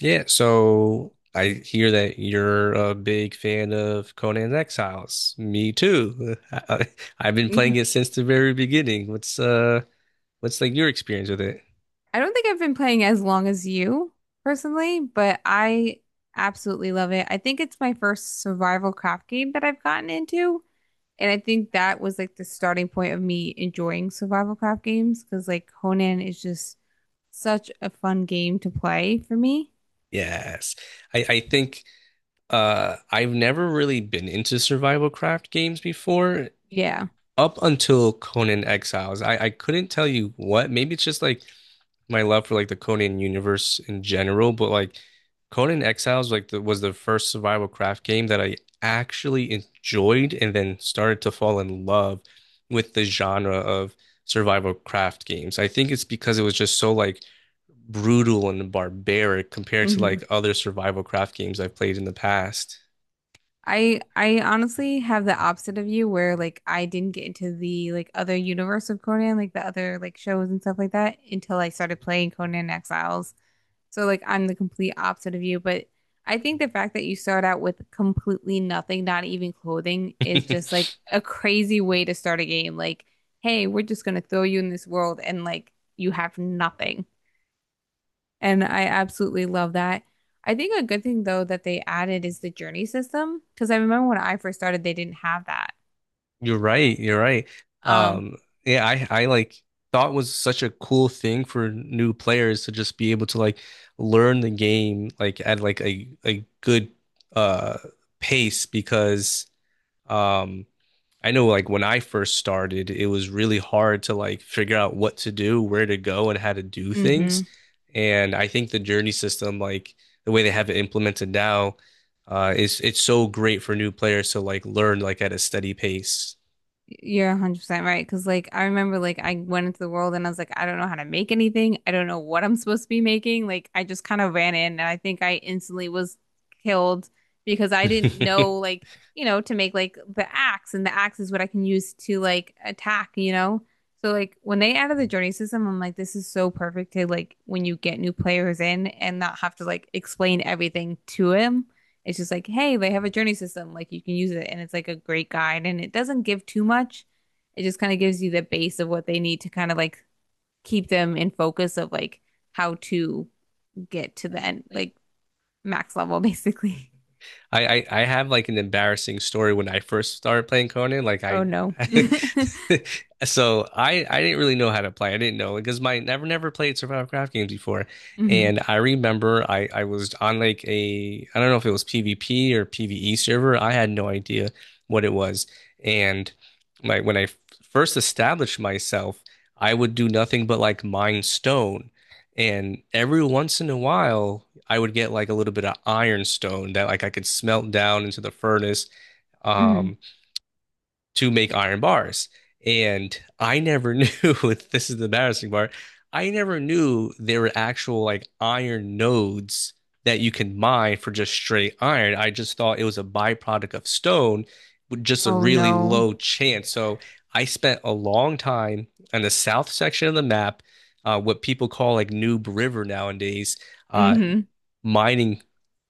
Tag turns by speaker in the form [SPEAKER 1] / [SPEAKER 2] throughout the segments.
[SPEAKER 1] Yeah, so I hear that you're a big fan of Conan Exiles. Me too. I, have been
[SPEAKER 2] Yeah.
[SPEAKER 1] playing it since the very beginning. What's like your experience with it?
[SPEAKER 2] I don't think I've been playing as long as you personally, but I absolutely love it. I think it's my first survival craft game that I've gotten into, and I think that was like the starting point of me enjoying survival craft games because like Conan is just such a fun game to play for me.
[SPEAKER 1] Yes. I think I've never really been into survival craft games before
[SPEAKER 2] Yeah.
[SPEAKER 1] up until Conan Exiles. I couldn't tell you what. Maybe it's just like my love for like the Conan universe in general, but like Conan Exiles like the, was the first survival craft game that I actually enjoyed and then started to fall in love with the genre of survival craft games. I think it's because it was just so like brutal and barbaric compared to
[SPEAKER 2] hmm
[SPEAKER 1] like other survival craft games I've played in the past.
[SPEAKER 2] Right. I honestly have the opposite of you where like I didn't get into the like other universe of Conan, like the other like shows and stuff like that until I started playing Conan Exiles. So like I'm the complete opposite of you, but I think the fact that you start out with completely nothing, not even clothing, is just like a crazy way to start a game. Like, hey, we're just gonna throw you in this world and like you have nothing. And I absolutely love that. I think a good thing though that they added is the journey system because I remember when I first started they didn't have that.
[SPEAKER 1] You're right. You're right.
[SPEAKER 2] Oh.
[SPEAKER 1] Um, yeah, I like thought was such a cool thing for new players to just be able to like learn the game like at like a good uh pace because um I know like when I first started it was really hard to like figure out what to do, where to go and how to do things.
[SPEAKER 2] Mhm.
[SPEAKER 1] And I think the journey system like the way they have it implemented now is it's so great for new players to like learn like at a steady pace.
[SPEAKER 2] You're 100% right. Because, like, I remember, like, I went into the world and I was like, I don't know how to make anything. I don't know what I'm supposed to be making. Like, I just kind of ran in and I think I instantly was killed because I didn't know,
[SPEAKER 1] I,
[SPEAKER 2] like, you know, to make like the axe and the axe is what I can use to like attack, you know? So, like, when they added the journey system, I'm like, this is so perfect to like when you get new players in and not have to like explain everything to him. It's just like, hey, they have a journey system. Like you can use it, and it's like a great guide, and it doesn't give too much. It just kind of gives you the base of what they need to kind of like keep them in focus of like how to get to the end, like max level, basically.
[SPEAKER 1] I have like an embarrassing story when I first started playing Conan.
[SPEAKER 2] Oh no.
[SPEAKER 1] So I didn't really know how to play. I didn't know because my never played survival craft games before,
[SPEAKER 2] Mhm.
[SPEAKER 1] and I remember I was on like a I don't know if it was PvP or PvE server. I had no idea what it was, and my when first established myself, I would do nothing but like mine stone, and every once in a while. I would get like a little bit of ironstone that like I could smelt down into the furnace
[SPEAKER 2] Mhm.
[SPEAKER 1] um to make iron bars. And I never knew this is the embarrassing part. I never knew there were actual like iron nodes that you can mine for just straight iron. I just thought it was a byproduct of stone with just a
[SPEAKER 2] Oh
[SPEAKER 1] really low
[SPEAKER 2] no.
[SPEAKER 1] chance. So I spent a long time on the south section of the map, what people call like Noob River nowadays, uh,
[SPEAKER 2] Mhm.
[SPEAKER 1] mining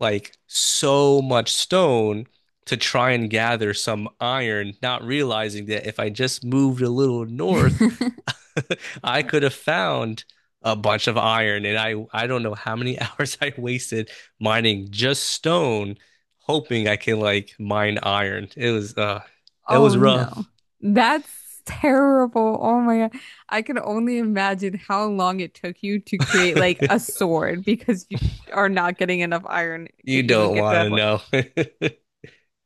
[SPEAKER 1] like so much stone to try and gather some iron, not realizing that if I just moved a little north, I could have found a bunch of iron. And I don't know how many hours I wasted mining just stone, hoping I can like mine iron. It was, that was
[SPEAKER 2] Oh no.
[SPEAKER 1] rough.
[SPEAKER 2] That's terrible. Oh my God. I can only imagine how long it took you to create like a sword because you are not getting enough iron to
[SPEAKER 1] You
[SPEAKER 2] even
[SPEAKER 1] don't
[SPEAKER 2] get to
[SPEAKER 1] want
[SPEAKER 2] that
[SPEAKER 1] to
[SPEAKER 2] point.
[SPEAKER 1] know.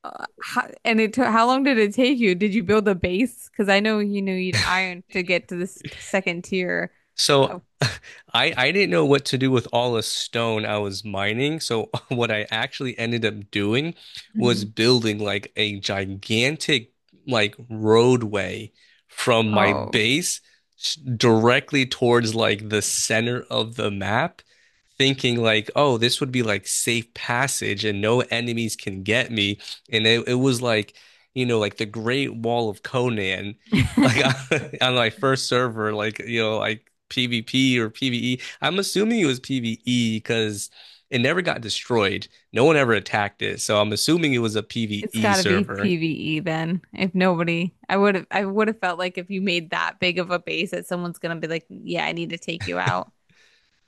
[SPEAKER 2] How, and it took how long did it take you? Did you build a base? Because I know you knew you'd iron to get to this second tier.
[SPEAKER 1] So
[SPEAKER 2] Oh.
[SPEAKER 1] I didn't know what to do with all the stone I was mining. So what I actually ended up doing was
[SPEAKER 2] Mhm.
[SPEAKER 1] building like a gigantic like roadway from my
[SPEAKER 2] Oh.
[SPEAKER 1] base directly towards like the center of the map, thinking like, oh, this would be like safe passage and no enemies can get me. And it was like, you know, like the Great Wall of Conan like on my first server, like you know, like PvP or PvE. I'm assuming it was PvE because it never got destroyed. No one ever attacked it. So I'm assuming it was a
[SPEAKER 2] It's
[SPEAKER 1] PvE
[SPEAKER 2] got to be
[SPEAKER 1] server.
[SPEAKER 2] PvE then. If nobody, I would have felt like if you made that big of a base that someone's gonna be like, yeah, I need to take you out.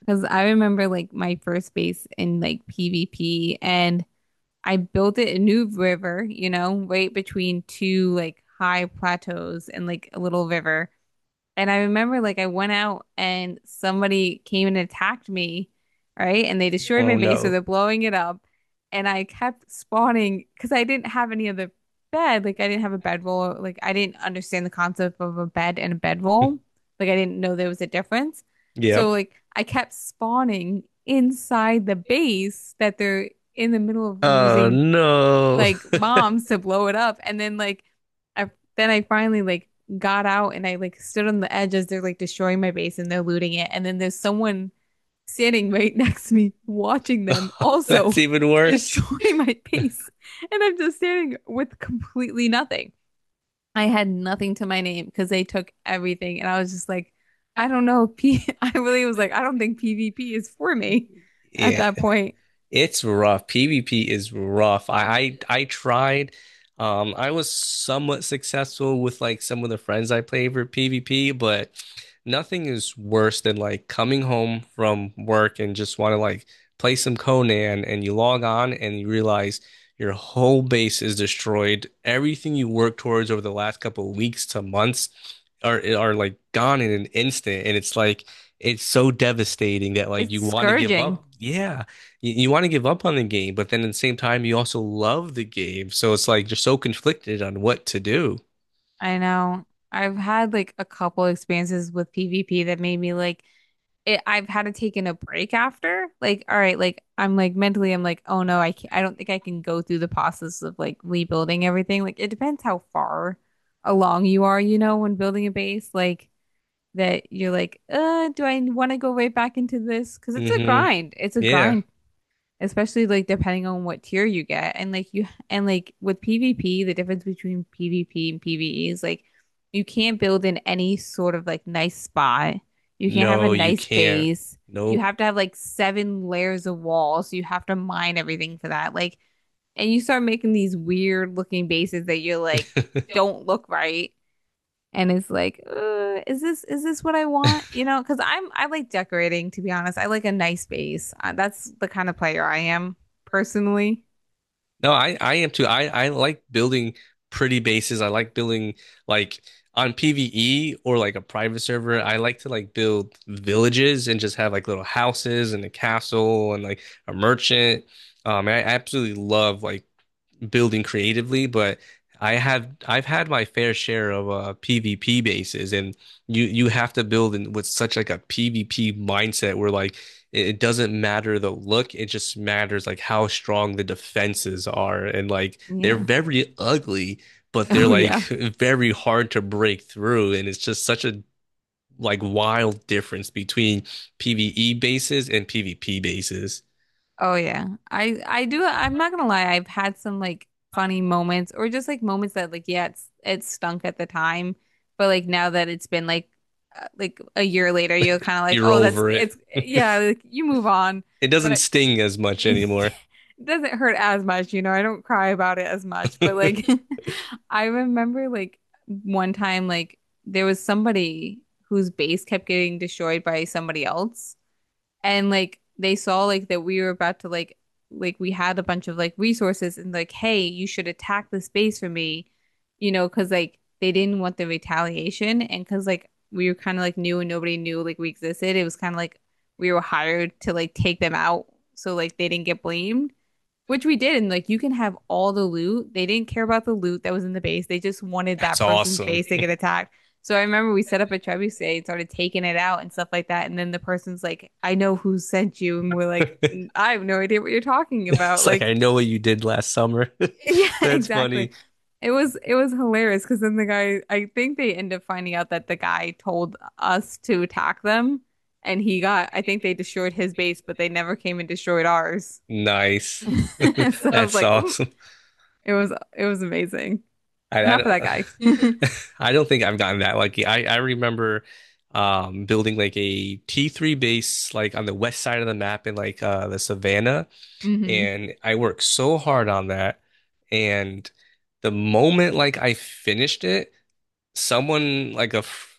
[SPEAKER 2] Because I remember like my first base in like PvP, and I built it in New River, you know, right between two like high plateaus and like a little river. And I remember like I went out and somebody came and attacked me, right? And they destroyed
[SPEAKER 1] Oh
[SPEAKER 2] my base, so
[SPEAKER 1] no.
[SPEAKER 2] they're blowing it up. And I kept spawning because I didn't have any other bed. Like I didn't have a bedroll. Like I didn't understand the concept of a bed and a bedroll. Like I didn't know there was a difference. So
[SPEAKER 1] Yep.
[SPEAKER 2] like I kept spawning inside the base that they're in the middle of
[SPEAKER 1] Oh
[SPEAKER 2] using
[SPEAKER 1] no.
[SPEAKER 2] like bombs to blow it up. And then like I then I finally like got out and I like stood on the edge as they're like destroying my base and they're looting it. And then there's someone standing right next to me watching them
[SPEAKER 1] That's
[SPEAKER 2] also
[SPEAKER 1] even worse.
[SPEAKER 2] destroy my base. And I'm just standing with completely nothing. I had nothing to my name because they took everything. And I was just like, I don't know. P I really was like, I don't think PvP is for me at
[SPEAKER 1] Yeah.
[SPEAKER 2] that point.
[SPEAKER 1] It's rough. PvP is rough. I tried. I was somewhat successful with like some of the friends I played for PvP, but nothing is worse than like coming home from work and just want to like play some Conan and you log on and you realize your whole base is destroyed. Everything you worked towards over the last couple of weeks to months are like gone in an instant. And it's like it's so devastating that like
[SPEAKER 2] It's
[SPEAKER 1] you want to give up.
[SPEAKER 2] scourging.
[SPEAKER 1] Yeah, you want to give up on the game, but then at the same time you also love the game. So it's like you're so conflicted on what to do.
[SPEAKER 2] I know. I've had like a couple experiences with PvP that made me like it. I've had to take in a break after. Like, all right, like I'm like mentally, I'm like, oh no, I can't, I don't think I can go through the process of like rebuilding everything. Like, it depends how far along you are, you know, when building a base. Like that, you're like, do I want to go right back into this? Because it's a
[SPEAKER 1] Hmm.
[SPEAKER 2] grind. It's a
[SPEAKER 1] Yeah.
[SPEAKER 2] grind especially like depending on what tier you get and like you and like with PvP the difference between PvP and PvE is like you can't build in any sort of like nice spot, you can't have a
[SPEAKER 1] No, you
[SPEAKER 2] nice
[SPEAKER 1] can't.
[SPEAKER 2] base, you
[SPEAKER 1] Nope.
[SPEAKER 2] have to have like seven layers of walls so you have to mine everything for that. Like, and you start making these weird looking bases that you're like don't look right, and it's like, is this, is this what I want, you know, because I like decorating to be honest. I like a nice space, that's the kind of player I am personally.
[SPEAKER 1] No, I am too. I like building pretty bases. I like building like on PvE or like a private server. I like to like build villages and just have like little houses and a castle and like a merchant. I absolutely love like building creatively, but I have I've had my fair share of PvP bases, and you have to build in with such like a PvP mindset where like it doesn't matter the look, it just matters like how strong the defenses are, and like they're
[SPEAKER 2] Yeah.
[SPEAKER 1] very ugly, but they're
[SPEAKER 2] Oh
[SPEAKER 1] like
[SPEAKER 2] yeah.
[SPEAKER 1] very hard to break through, and it's just such a like wild difference between PvE bases and PvP bases.
[SPEAKER 2] Oh yeah. I do. I'm not gonna lie, I've had some like funny moments or just like moments that like yeah, it's it stunk at the time, but like now that it's been like, like a year later, you're kind of like,
[SPEAKER 1] You're
[SPEAKER 2] "Oh, that's
[SPEAKER 1] over it.
[SPEAKER 2] it's yeah, like you move on."
[SPEAKER 1] It
[SPEAKER 2] But
[SPEAKER 1] doesn't
[SPEAKER 2] I,
[SPEAKER 1] sting as much
[SPEAKER 2] it
[SPEAKER 1] anymore.
[SPEAKER 2] doesn't hurt as much, you know. I don't cry about it as much, but like I remember like one time like there was somebody whose base kept getting destroyed by somebody else and like they saw like that we were about to like we had a bunch of like resources and like hey you should attack this base for me, you know, because like they didn't want the retaliation and because like we were kind of like new and nobody knew like we existed, it was kind of like we were hired to like take them out so like they didn't get blamed, which we did, and like you can have all the loot. They didn't care about the loot that was in the base. They just wanted
[SPEAKER 1] That's
[SPEAKER 2] that person's
[SPEAKER 1] awesome.
[SPEAKER 2] base to get attacked. So I remember we set up a trebuchet and started taking it out and stuff like that. And then the person's like, "I know who sent you," and we're like, "I have no idea what you're talking about."
[SPEAKER 1] It's like I
[SPEAKER 2] Like,
[SPEAKER 1] know what you did last summer.
[SPEAKER 2] yeah,
[SPEAKER 1] That's funny.
[SPEAKER 2] exactly. It was hilarious because then the guy, I think they end up finding out that the guy told us to attack them, and he got. I think they destroyed his base, but they never came and destroyed ours.
[SPEAKER 1] Nice.
[SPEAKER 2] So I was
[SPEAKER 1] That's
[SPEAKER 2] like, "Ooh,
[SPEAKER 1] awesome.
[SPEAKER 2] it was amazing.
[SPEAKER 1] I
[SPEAKER 2] Not for that
[SPEAKER 1] don't
[SPEAKER 2] guy.
[SPEAKER 1] I don't think I've gotten that lucky. I remember building like a T3 base like on the west side of the map in like the savannah
[SPEAKER 2] hmm
[SPEAKER 1] and I worked so hard on that and the moment like I finished it someone like a f-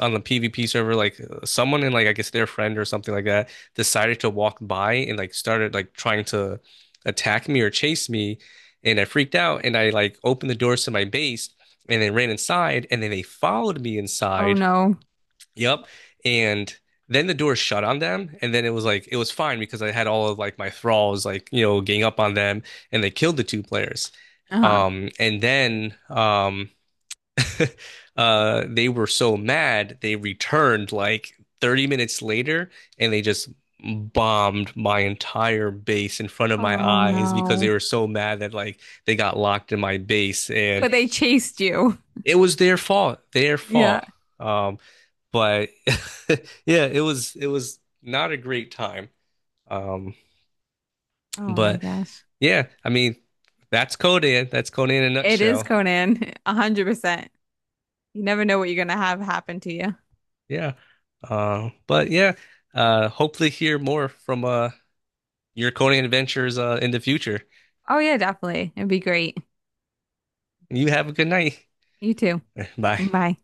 [SPEAKER 1] on the PvP server, like someone in like I guess their friend or something like that decided to walk by and like started like trying to attack me or chase me, and I freaked out and I like opened the doors to my base and then ran inside and then they followed me
[SPEAKER 2] Oh
[SPEAKER 1] inside.
[SPEAKER 2] no.
[SPEAKER 1] Yep, and. Then the door shut on them, and then it was like it was fine because I had all of like my thralls like you know gang up on them, and they killed the two players.
[SPEAKER 2] Uh-huh.
[SPEAKER 1] And then they were so mad they returned like 30 minutes later and they just bombed my entire base in front of my
[SPEAKER 2] Oh
[SPEAKER 1] eyes because
[SPEAKER 2] no.
[SPEAKER 1] they were so mad that like they got locked in my base So and
[SPEAKER 2] But
[SPEAKER 1] so
[SPEAKER 2] they chased you.
[SPEAKER 1] it was their Yeah. fault.
[SPEAKER 2] Yeah.
[SPEAKER 1] Yeah. But yeah, it was not a great time. Um,
[SPEAKER 2] Oh my
[SPEAKER 1] but
[SPEAKER 2] gosh.
[SPEAKER 1] yeah, I mean that's Conan. That's Conan in a
[SPEAKER 2] It is
[SPEAKER 1] nutshell.
[SPEAKER 2] Conan, 100%. You never know what you're going to have happen to you.
[SPEAKER 1] Yeah. But yeah, hopefully hear more from your coding adventures in the future.
[SPEAKER 2] Oh yeah, definitely. It'd be great.
[SPEAKER 1] You have a good night.
[SPEAKER 2] You too.
[SPEAKER 1] Bye.
[SPEAKER 2] Bye.